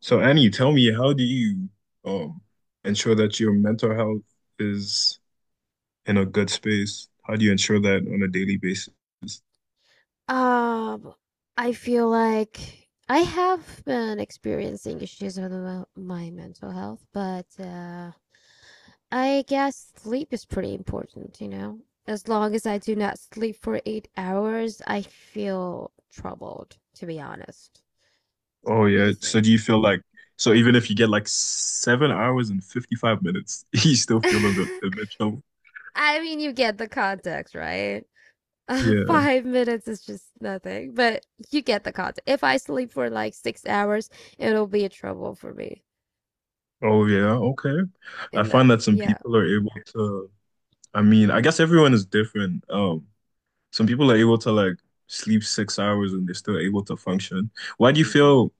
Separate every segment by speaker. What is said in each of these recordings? Speaker 1: So Annie, tell me, how do you um ensure that your mental health is in a good space? How do you ensure that on a daily basis?
Speaker 2: Um, I feel like I have been experiencing issues with my mental health, but I guess sleep is pretty important, you know? As long as I do not sleep for 8 hours, I feel troubled, to be honest.
Speaker 1: Oh
Speaker 2: What do you
Speaker 1: yeah. So
Speaker 2: think?
Speaker 1: do you feel like so even if you get like 7 hours and 55 minutes, you still feel a bit a bit low?
Speaker 2: I mean, you get the context, right?
Speaker 1: Yeah.
Speaker 2: 5 minutes is just nothing, but you get the context. If I sleep for like 6 hours, it'll be a trouble for me
Speaker 1: Oh yeah. Okay. I
Speaker 2: in that.
Speaker 1: find that some
Speaker 2: Yeah.
Speaker 1: people are able to I mean, I guess everyone is different. Some people are able to like sleep 6 hours and they're still able to function. Why do you
Speaker 2: Mm-hmm.
Speaker 1: feel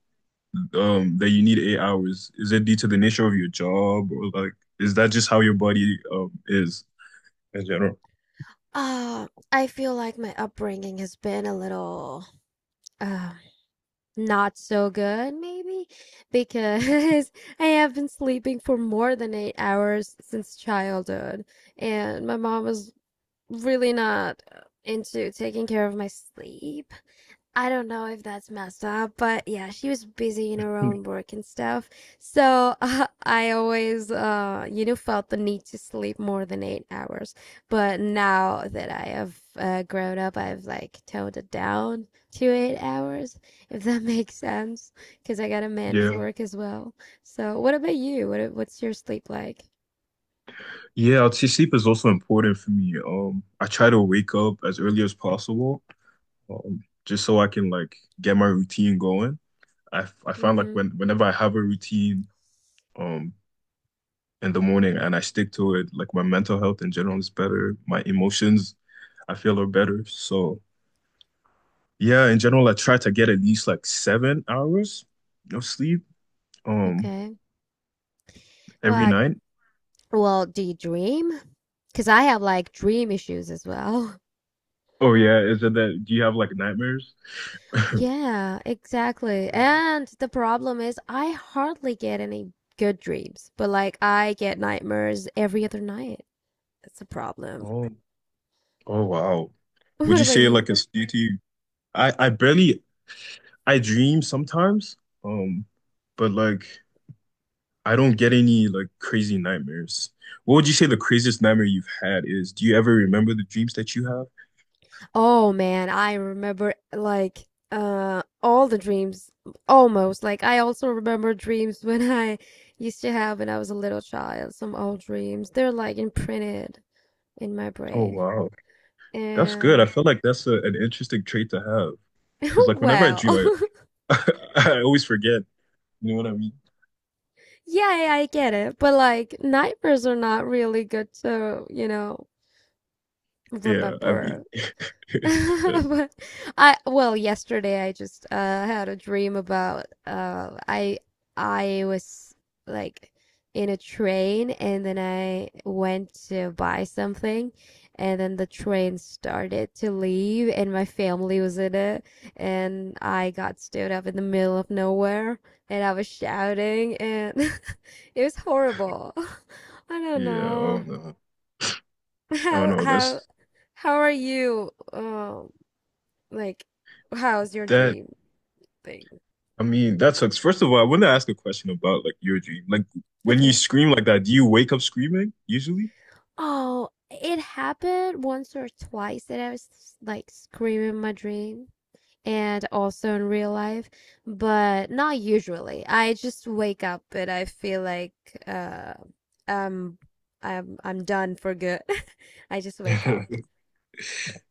Speaker 1: that you need 8 hours? Is it due to the nature of your job, or like is that just how your body is in general?
Speaker 2: I feel like my upbringing has been a little uh, not so good, maybe, because I have been sleeping for more than 8 hours since childhood, and my mom was really not into taking care of my sleep. I don't know if that's messed up, but yeah, she was busy in her own work and stuff. So I always, felt the need to sleep more than 8 hours. But now that I have grown up, I've like toned it down to 8 hours, if that makes sense, because I gotta manage
Speaker 1: Yeah.
Speaker 2: work as well. So what about you? What's your sleep like?
Speaker 1: Yeah, I'd say sleep is also important for me. I try to wake up as early as possible, just so I can like get my routine going. I find like
Speaker 2: Mm-hmm.
Speaker 1: whenever I have a routine, um, in the morning, and I stick to it, like my mental health in general is better. My emotions, I feel, are better. So yeah, in general, I try to get at least like 7 hours of sleep um
Speaker 2: Okay.
Speaker 1: every
Speaker 2: Well,
Speaker 1: night.
Speaker 2: well, do you dream? Because I have like dream issues as well.
Speaker 1: Oh yeah, is it that do you have like nightmares?
Speaker 2: Yeah,
Speaker 1: Oh,
Speaker 2: exactly.
Speaker 1: yeah.
Speaker 2: And the problem is, I hardly get any good dreams, but like I get nightmares every other night. That's a problem.
Speaker 1: oh oh, wow. Would
Speaker 2: What
Speaker 1: you
Speaker 2: about
Speaker 1: say
Speaker 2: you?
Speaker 1: like it's due to you? I I barely I dream sometimes, um, but like I don't get any like crazy nightmares. What would you say the craziest nightmare you've had is? Do you ever remember the dreams that you have?
Speaker 2: Oh man, I remember like all the dreams almost. Like I also remember dreams when I used to have when I was a little child, some old dreams. They're like imprinted in my
Speaker 1: Oh
Speaker 2: brain.
Speaker 1: wow, that's good. I
Speaker 2: And
Speaker 1: feel like that's an interesting trait to have, because like whenever I
Speaker 2: well,
Speaker 1: dream, I I always forget. You know what I mean?
Speaker 2: yeah, yeah, I get it. But like nightmares are not really good to, you know,
Speaker 1: Yeah, I
Speaker 2: remember.
Speaker 1: mean, that-
Speaker 2: But yesterday I just had a dream about I was like in a train and then I went to buy something and then the train started to leave and my family was in it and I got stood up in the middle of nowhere and I was shouting and it was horrible. I don't
Speaker 1: yeah. Oh
Speaker 2: know.
Speaker 1: no, oh no.
Speaker 2: How how
Speaker 1: That's
Speaker 2: how are you? Like, how's your
Speaker 1: that.
Speaker 2: dream thing?
Speaker 1: I mean, that sucks. First of all, I want to ask a question about like your dream. Like when you
Speaker 2: Okay.
Speaker 1: scream like that, do you wake up screaming usually?
Speaker 2: Oh, it happened once or twice that I was like screaming my dream and also in real life, but not usually. I just wake up and I feel like uh um I'm done for good. I just wake up.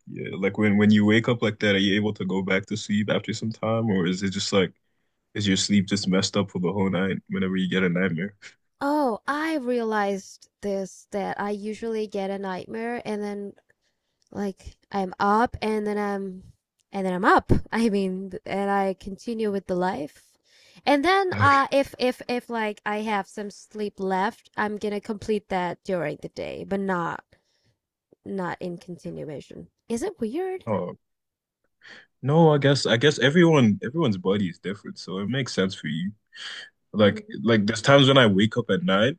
Speaker 1: Yeah, like when you wake up like that, are you able to go back to sleep after some time, or is it just like is your sleep just messed up for the whole night whenever you get a nightmare?
Speaker 2: Oh, I realized this that I usually get a nightmare and then like I'm up and then I'm up. I mean, and I continue with the life. And then
Speaker 1: Okay.
Speaker 2: if like I have some sleep left, I'm gonna complete that during the day, but not in continuation. Is it weird?
Speaker 1: Oh no, I guess everyone's body is different, so it makes sense for you.
Speaker 2: hmm
Speaker 1: Like there's times when I wake up at night,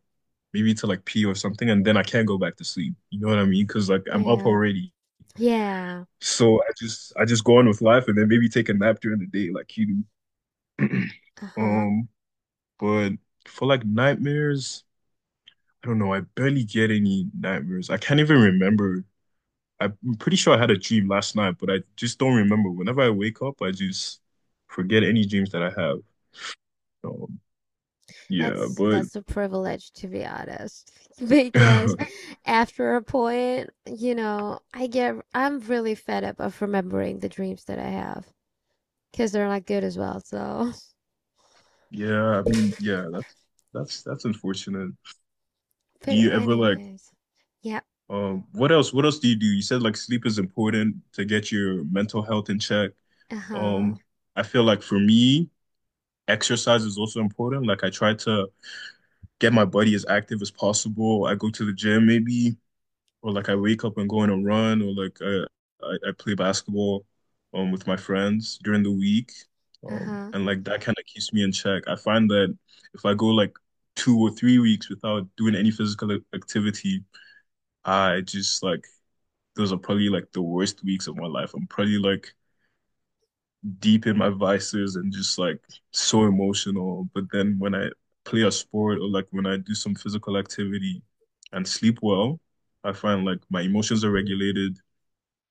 Speaker 1: maybe to like pee or something, and then I can't go back to sleep. You know what I mean? Because like I'm up
Speaker 2: Yeah.
Speaker 1: already,
Speaker 2: Yeah.
Speaker 1: so I just go on with life and then maybe take a nap during the day, like you do.
Speaker 2: Uh-huh.
Speaker 1: Um, but for like nightmares, I don't know. I barely get any nightmares. I can't even remember. I'm pretty sure I had a dream last night, but I just don't remember. Whenever I wake up, I just forget any dreams that I have. So yeah,
Speaker 2: That's
Speaker 1: but
Speaker 2: that's a privilege to be honest. Because after a point, you know, I'm really fed up of remembering the dreams that I have because they're not good as well. So,
Speaker 1: yeah, I mean, yeah, that's that's unfortunate. Do
Speaker 2: but
Speaker 1: you ever like
Speaker 2: anyways. Yep.
Speaker 1: what else do? You said like sleep is important to get your mental health in check. Um,
Speaker 2: Uh-huh.
Speaker 1: I feel like for me, exercise is also important. Like I try to get my body as active as possible. I go to the gym maybe, or like I wake up and go on a run, or I play basketball with my friends during the week,
Speaker 2: Uh-huh.
Speaker 1: and like that kind of keeps me in check. I find that if I go like 2 or 3 weeks without doing any physical activity, I just like those are probably like the worst weeks of my life. I'm probably like deep in my vices and just like so emotional. But then when I play a sport or like when I do some physical activity and sleep well, I find like my emotions are regulated.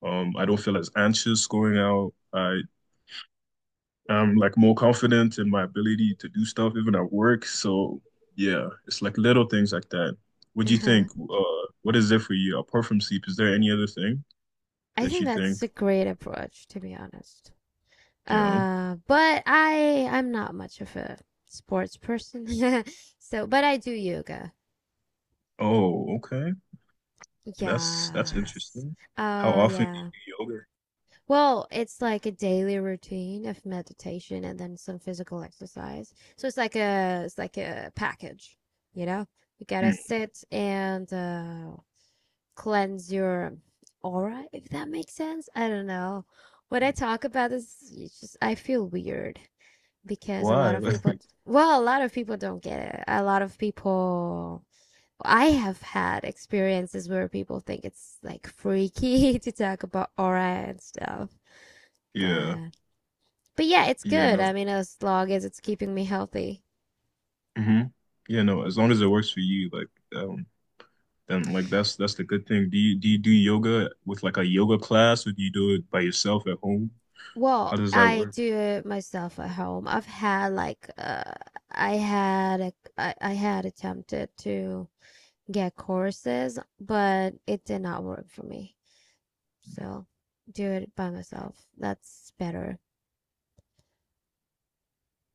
Speaker 1: I don't feel as anxious going out. I am like more confident in my ability to do stuff even at work. So yeah, it's like little things like that. What do you
Speaker 2: Uh-huh.
Speaker 1: think? What is it for you apart from sleep? Is there any other thing
Speaker 2: I
Speaker 1: that
Speaker 2: think
Speaker 1: you
Speaker 2: that's
Speaker 1: think,
Speaker 2: a great approach to be honest.
Speaker 1: you know?
Speaker 2: But I'm not much of a sports person. So, but I do yoga.
Speaker 1: Oh, okay. That's
Speaker 2: Yes.
Speaker 1: interesting. How
Speaker 2: Oh,
Speaker 1: often do you
Speaker 2: yeah.
Speaker 1: do yoga?
Speaker 2: Well, it's like a daily routine of meditation and then some physical exercise. So it's like a package, you know? You gotta
Speaker 1: Hmm.
Speaker 2: sit and cleanse your aura, if that makes sense. I don't know. When I talk about this, it's just I feel weird because a lot
Speaker 1: Why?
Speaker 2: of people, well, a lot of people don't get it. A lot of people I have had experiences where people think it's like freaky to talk about aura and stuff,
Speaker 1: Yeah.
Speaker 2: but yeah, it's
Speaker 1: Yeah,
Speaker 2: good.
Speaker 1: no.
Speaker 2: I mean, as long as it's keeping me healthy.
Speaker 1: Hmm. Yeah, no. As long as it works for you, like um then like that's the good thing. Do you do yoga with like a yoga class, or do you do it by yourself at home? How
Speaker 2: Well,
Speaker 1: does that
Speaker 2: I
Speaker 1: work?
Speaker 2: do it myself at home. I had attempted to get courses, but it did not work for me. So, do it by myself. That's better.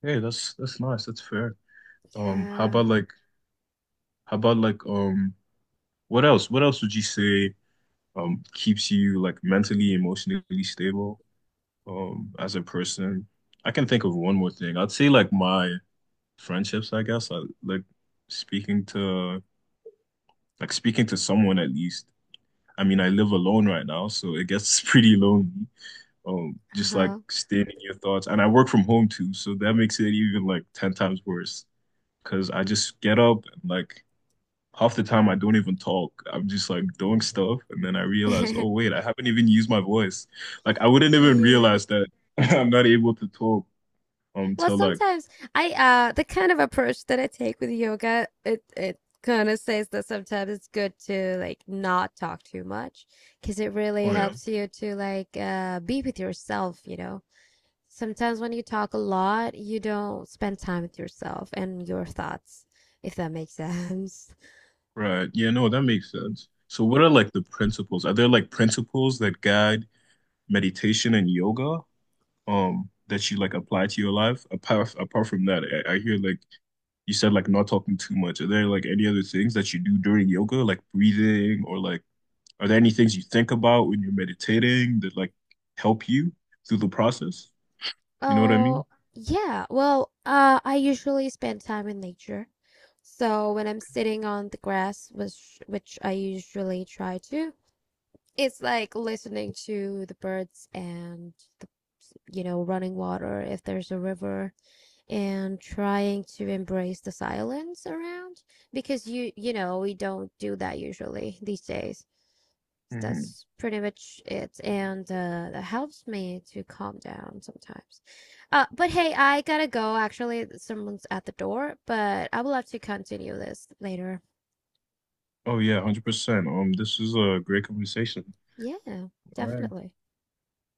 Speaker 1: Hey, that's nice. That's fair. Um, how
Speaker 2: Yeah.
Speaker 1: about like how about like what else? What else would you say keeps you like mentally, emotionally stable as a person? I can think of one more thing. I'd say like my friendships, I guess. I like speaking to Like speaking to someone at least. I mean, I live alone right now, so it gets pretty lonely. Just like
Speaker 2: Uh-huh.
Speaker 1: stating your thoughts, and I work from home too, so that makes it even like 10 times worse, because I just get up and like half the time I don't even talk. I'm just like doing stuff and then I realize, oh wait, I haven't even used my voice. Like I wouldn't even
Speaker 2: Yeah.
Speaker 1: realize that I'm not able to talk
Speaker 2: Well,
Speaker 1: till like
Speaker 2: sometimes I the kind of approach that I take with yoga, it kind of says that sometimes it's good to like not talk too much because it really
Speaker 1: oh yeah
Speaker 2: helps you to like be with yourself, you know. Sometimes when you talk a lot, you don't spend time with yourself and your thoughts, if that makes sense.
Speaker 1: right. Yeah, no, that makes sense. So what are like the principles? Are there like principles that guide meditation and yoga that you like apply to your life apart from that? I hear like you said like not talking too much. Are there like any other things that you do during yoga, like breathing, or like are there any things you think about when you're meditating that like help you through the process? You know what I mean?
Speaker 2: Oh, yeah. Well, I usually spend time in nature. So when I'm sitting on the grass, which I usually try to, it's like listening to the birds and the, you know, running water if there's a river, and trying to embrace the silence around because you know, we don't do that usually these days. So
Speaker 1: Hmm.
Speaker 2: that's pretty much it, and that helps me to calm down sometimes. But hey, I gotta go, actually. Someone's at the door, but I will have to continue this later.
Speaker 1: Oh yeah, 100%. This is a great conversation.
Speaker 2: Yeah,
Speaker 1: All right.
Speaker 2: definitely.